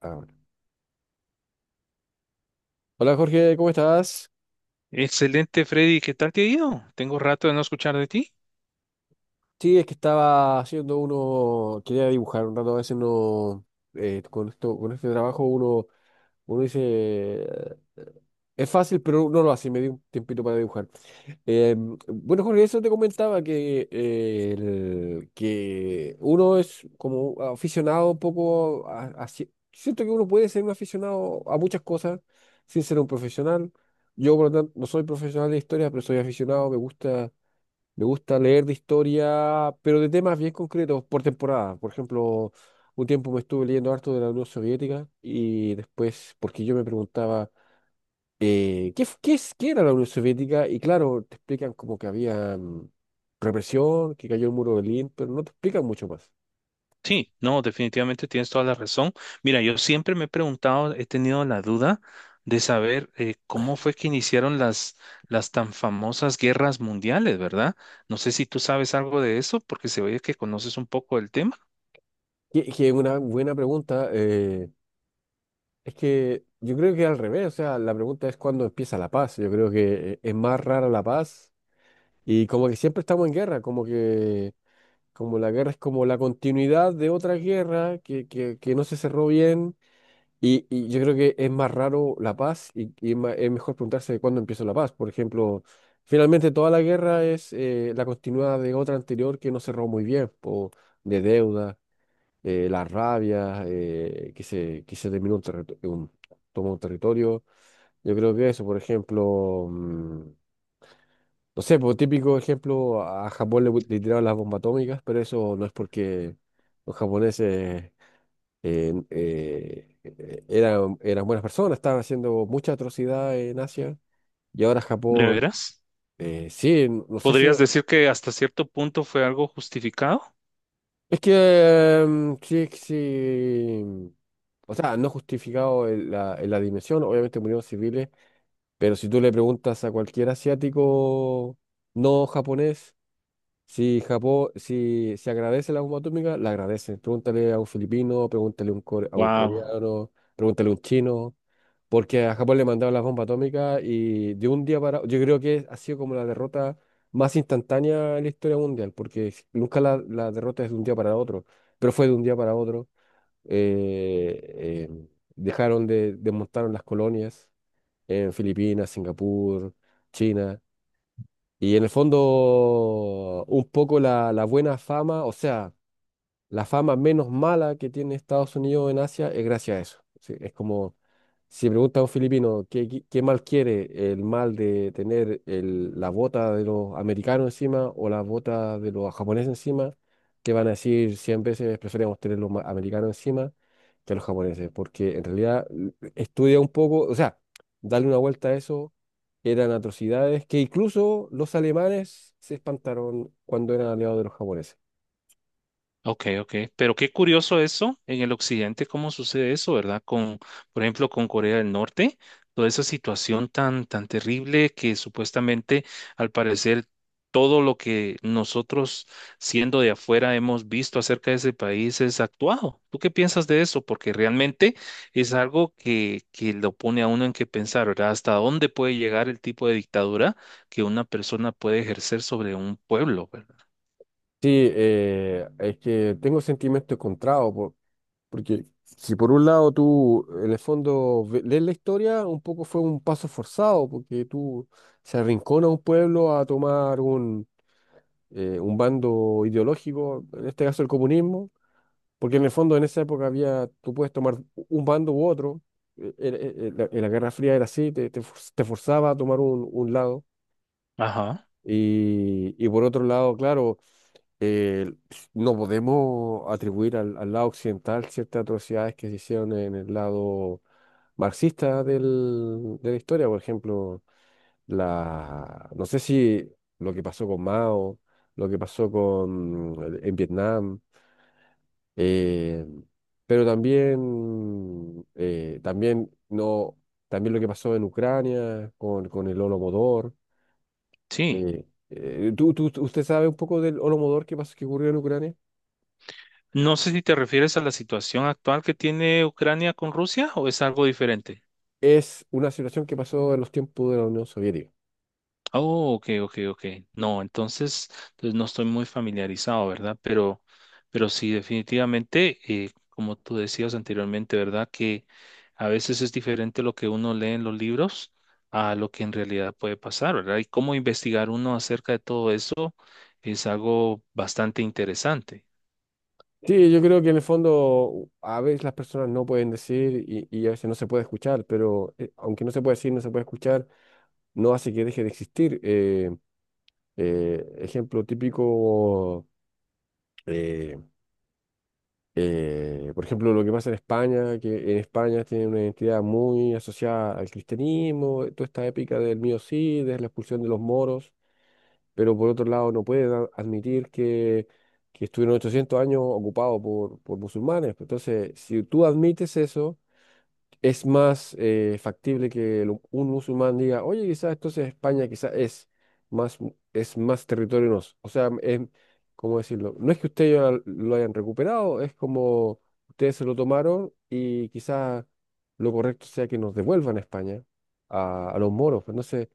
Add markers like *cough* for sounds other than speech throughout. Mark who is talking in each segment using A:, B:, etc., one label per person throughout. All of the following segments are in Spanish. A: Ahora. Hola Jorge, ¿cómo estás?
B: Excelente, Freddy. ¿Qué tal te ha ido? Tengo rato de no escuchar de ti.
A: Sí, es que estaba haciendo uno, quería dibujar un rato, a veces no, con esto, con este trabajo uno, uno dice, es fácil, pero no lo hace, me di un tiempito para dibujar. Eh, bueno Jorge, eso te comentaba que, que uno es como aficionado un poco a, siento que uno puede ser un aficionado a muchas cosas sin ser un profesional. Yo, por lo tanto, no soy profesional de historia, pero soy aficionado, me gusta. Me gusta leer de historia, pero de temas bien concretos por temporada. Por ejemplo, un tiempo me estuve leyendo harto de la Unión Soviética y después, porque yo me preguntaba, ¿qué, qué es, qué era la Unión Soviética? Y claro, te explican como que había, represión, que cayó el muro de Berlín, pero no te explican mucho más.
B: Sí, no, definitivamente tienes toda la razón. Mira, yo siempre me he preguntado, he tenido la duda de saber cómo fue que iniciaron las tan famosas guerras mundiales, ¿verdad? No sé si tú sabes algo de eso, porque se oye que conoces un poco el tema.
A: Que es una buena pregunta. Es que yo creo que al revés, o sea, la pregunta es cuándo empieza la paz. Yo creo que, es más rara la paz y como que siempre estamos en guerra, como que... Como la guerra es como la continuidad de otra guerra que no se cerró bien. Y yo creo que es más raro la paz y es es mejor preguntarse cuándo empieza la paz. Por ejemplo, finalmente toda la guerra es, la continuidad de otra anterior que no cerró muy bien, po, de deuda, la rabia, que se terminó un territorio, tomó un territorio. Yo creo que eso, por ejemplo. No sé, por típico ejemplo, a Japón le, le tiraron las bombas atómicas, pero eso no es porque los japoneses eran buenas personas, estaban haciendo mucha atrocidad en Asia. Y ahora
B: ¿De
A: Japón,
B: veras?
A: sí, no sé si...
B: ¿Podrías decir que hasta cierto punto fue algo justificado?
A: Es que, sí, sí... O sea, no justificado en en la dimensión, obviamente murieron civiles, pero si tú le preguntas a cualquier asiático no japonés, si Japón, si agradece la bomba atómica, la agradece. Pregúntale a un filipino, pregúntale a un, a un
B: Wow.
A: coreano, pregúntale a un chino, porque a Japón le mandaron las bombas atómicas y de un día para... Yo creo que ha sido como la derrota más instantánea en la historia mundial, porque nunca la derrota es de un día para otro, pero fue de un día para otro. Eh, eh, Dejaron de, desmontaron las colonias en Filipinas, Singapur, China. Y en el fondo, un poco la buena fama, o sea, la fama menos mala que tiene Estados Unidos en Asia es gracias a eso. Sí, es como si pregunta a un filipino qué, qué mal quiere, el mal de tener la bota de los americanos encima o la bota de los japoneses encima, te van a decir 100 veces preferimos tener los americanos encima que los japoneses, porque en realidad estudia un poco, o sea, darle una vuelta a eso. Eran atrocidades que incluso los alemanes se espantaron cuando eran aliados de los japoneses.
B: Ok, ok. Pero qué curioso eso, en el occidente, cómo sucede eso, ¿verdad? Por ejemplo, con Corea del Norte, toda esa situación tan, tan terrible que supuestamente, al parecer, todo lo que nosotros, siendo de afuera, hemos visto acerca de ese país es actuado. ¿Tú qué piensas de eso? Porque realmente es algo que lo pone a uno en que pensar, ¿verdad? ¿Hasta dónde puede llegar el tipo de dictadura que una persona puede ejercer sobre un pueblo, ¿verdad?
A: Sí, es que tengo sentimientos encontrados, porque si por un lado tú en el fondo lees la historia, un poco fue un paso forzado, porque tú se arrincona un pueblo a tomar un bando ideológico, en este caso el comunismo, porque en el fondo en esa época había, tú puedes tomar un bando u otro, en la Guerra Fría era así, te, te forzaba a tomar un lado,
B: Ajá.
A: y por otro lado, claro, eh, no podemos atribuir al, al lado occidental ciertas atrocidades que se hicieron en el lado marxista de la historia. Por ejemplo, la, no sé si lo que pasó con Mao, lo que pasó con, en Vietnam, eh, pero también, también, no, también lo que pasó en Ucrania con el Holodomor.
B: Sí.
A: ¿Tú, usted sabe un poco del Holodomor que pasó, que ocurrió en Ucrania?
B: No sé si te refieres a la situación actual que tiene Ucrania con Rusia o es algo diferente.
A: Es una situación que pasó en los tiempos de la Unión Soviética.
B: Oh, ok, ok, ok. No, entonces no estoy muy familiarizado, ¿verdad? Pero sí, definitivamente, como tú decías anteriormente, ¿verdad? Que a veces es diferente lo que uno lee en los libros a lo que en realidad puede pasar, ¿verdad? Y cómo investigar uno acerca de todo eso es algo bastante interesante.
A: Sí, yo creo que en el fondo a veces las personas no pueden decir y a veces no se puede escuchar, pero, aunque no se puede decir, no se puede escuchar, no hace que deje de existir. Ejemplo típico, eh, por ejemplo, lo que pasa en España, que en España tiene una identidad muy asociada al cristianismo, toda esta épica del mío sí, de la expulsión de los moros, pero por otro lado no puede admitir que estuvieron 800 años ocupados por musulmanes. Entonces, si tú admites eso, es más, factible que un musulmán diga, oye, quizás entonces España quizás es más, es más territorio O sea, es, ¿cómo decirlo? No es que ustedes ya lo hayan recuperado, es como ustedes se lo tomaron y quizás lo correcto sea que nos devuelvan a España, a los moros. Pues, entonces.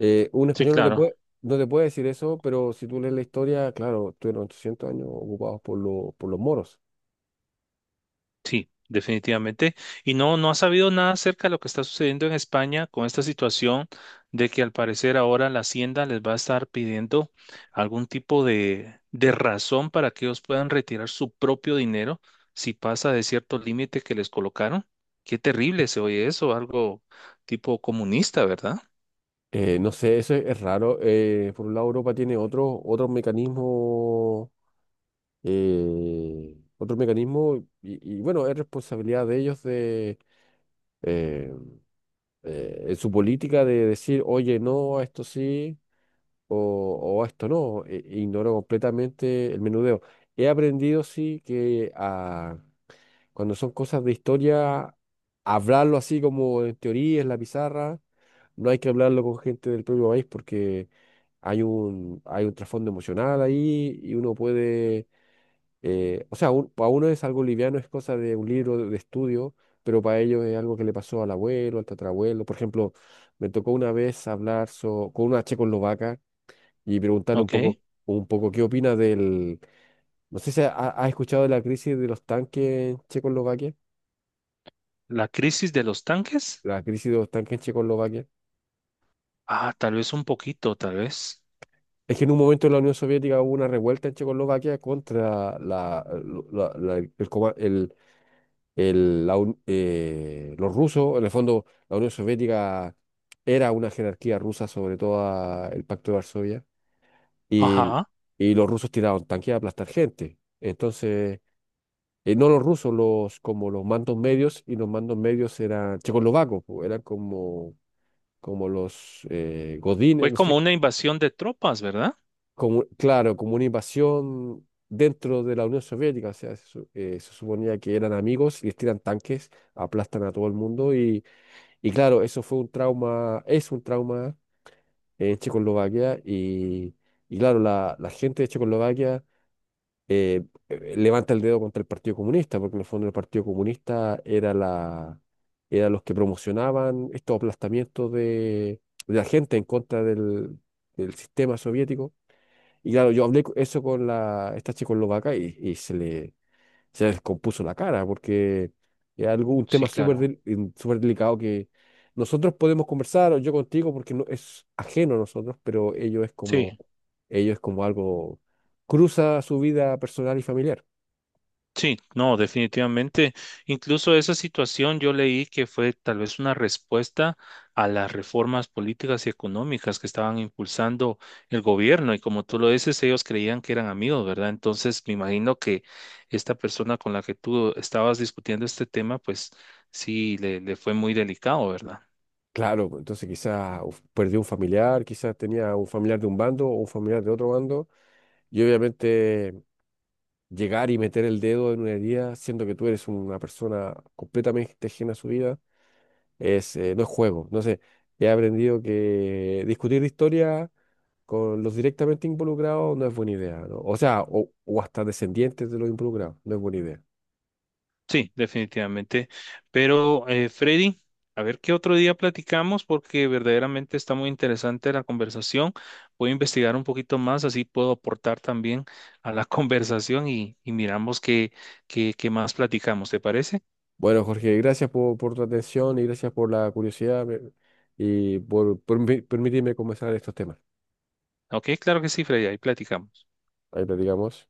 A: Un
B: Sí,
A: español no te
B: claro.
A: puede, no te puede decir eso, pero si tú lees la historia, claro, tuvieron 800 años ocupados por, por los moros.
B: Sí, definitivamente. Y no, no ha sabido nada acerca de lo que está sucediendo en España con esta situación de que al parecer ahora la Hacienda les va a estar pidiendo algún tipo de razón para que ellos puedan retirar su propio dinero si pasa de cierto límite que les colocaron. Qué terrible se oye eso, algo tipo comunista, ¿verdad?
A: No sé, eso es raro. Por un lado, Europa tiene otros mecanismos, otros mecanismos, y bueno, es responsabilidad de ellos de, eh, en su política de decir, oye, no, a esto sí, o, o a esto no. E ignoro completamente el menudeo. He aprendido, sí, que cuando son cosas de historia, hablarlo así como en teoría, en la pizarra, no hay que hablarlo con gente del propio país porque hay un trasfondo emocional ahí y uno puede, o sea, para uno es algo liviano, es cosa de un libro de estudio, pero para ellos es algo que le pasó al abuelo, al tatarabuelo. Por ejemplo, me tocó una vez hablar con una checoslovaca y preguntarle
B: Ok.
A: un poco qué opina del, no sé si ha, ha escuchado de la crisis de los tanques en Checoslovaquia.
B: La crisis de los tanques.
A: La crisis de estanque en Checoslovaquia.
B: Ah, tal vez un poquito, tal vez.
A: Es que en un momento en la Unión Soviética hubo una revuelta en Checoslovaquia contra la, el, los rusos. En el fondo, la Unión Soviética era una jerarquía rusa sobre todo el Pacto de Varsovia. Y,
B: Ajá.
A: y los rusos tiraron tanques a aplastar gente. Entonces, no los rusos, los, como los mandos medios, y los mandos medios eran checoslovacos, po, eran como, como los, godines,
B: Fue
A: no
B: como
A: sé,
B: una invasión de tropas, ¿verdad?
A: como, claro, como una invasión dentro de la Unión Soviética. O sea, se, se suponía que eran amigos y les tiran tanques, aplastan a todo el mundo. Y claro, eso fue un trauma, es un trauma en Checoslovaquia. Y claro, la gente de Checoslovaquia eh, levanta el dedo contra el Partido Comunista, porque en el fondo el Partido Comunista era la, era los que promocionaban estos aplastamientos de la gente en contra del del sistema soviético. Y claro, yo hablé eso con la, esta checoslovaca y se le descompuso la cara porque es algo, un
B: Sí,
A: tema súper
B: claro.
A: súper delicado que nosotros podemos conversar, o yo contigo, porque no, es ajeno a nosotros, pero
B: Sí.
A: ello es como algo, cruza su vida personal y familiar.
B: Sí, no, definitivamente. Incluso esa situación yo leí que fue tal vez una respuesta a las reformas políticas y económicas que estaban impulsando el gobierno y como tú lo dices, ellos creían que eran amigos, ¿verdad? Entonces me imagino que esta persona con la que tú estabas discutiendo este tema, pues sí, le fue muy delicado, ¿verdad?
A: Claro, pues, entonces quizás perdió un familiar, quizás tenía un familiar de un bando o un familiar de otro bando, y obviamente llegar y meter el dedo en una herida, siendo que tú eres una persona completamente ajena a su vida, es, no es juego. Entonces, he aprendido que discutir de historia con los directamente involucrados no es buena idea, ¿no? O sea, o hasta descendientes de los involucrados, no es buena idea.
B: Sí, definitivamente. Pero, Freddy, a ver qué otro día platicamos porque verdaderamente está muy interesante la conversación. Voy a investigar un poquito más, así puedo aportar también a la *laughs* conversación y miramos qué más platicamos. ¿Te parece?
A: Bueno, Jorge, gracias por tu atención y gracias por la curiosidad y por, permitirme conversar estos temas.
B: Ok, claro que sí, Freddy, ahí platicamos.
A: Ahí platicamos.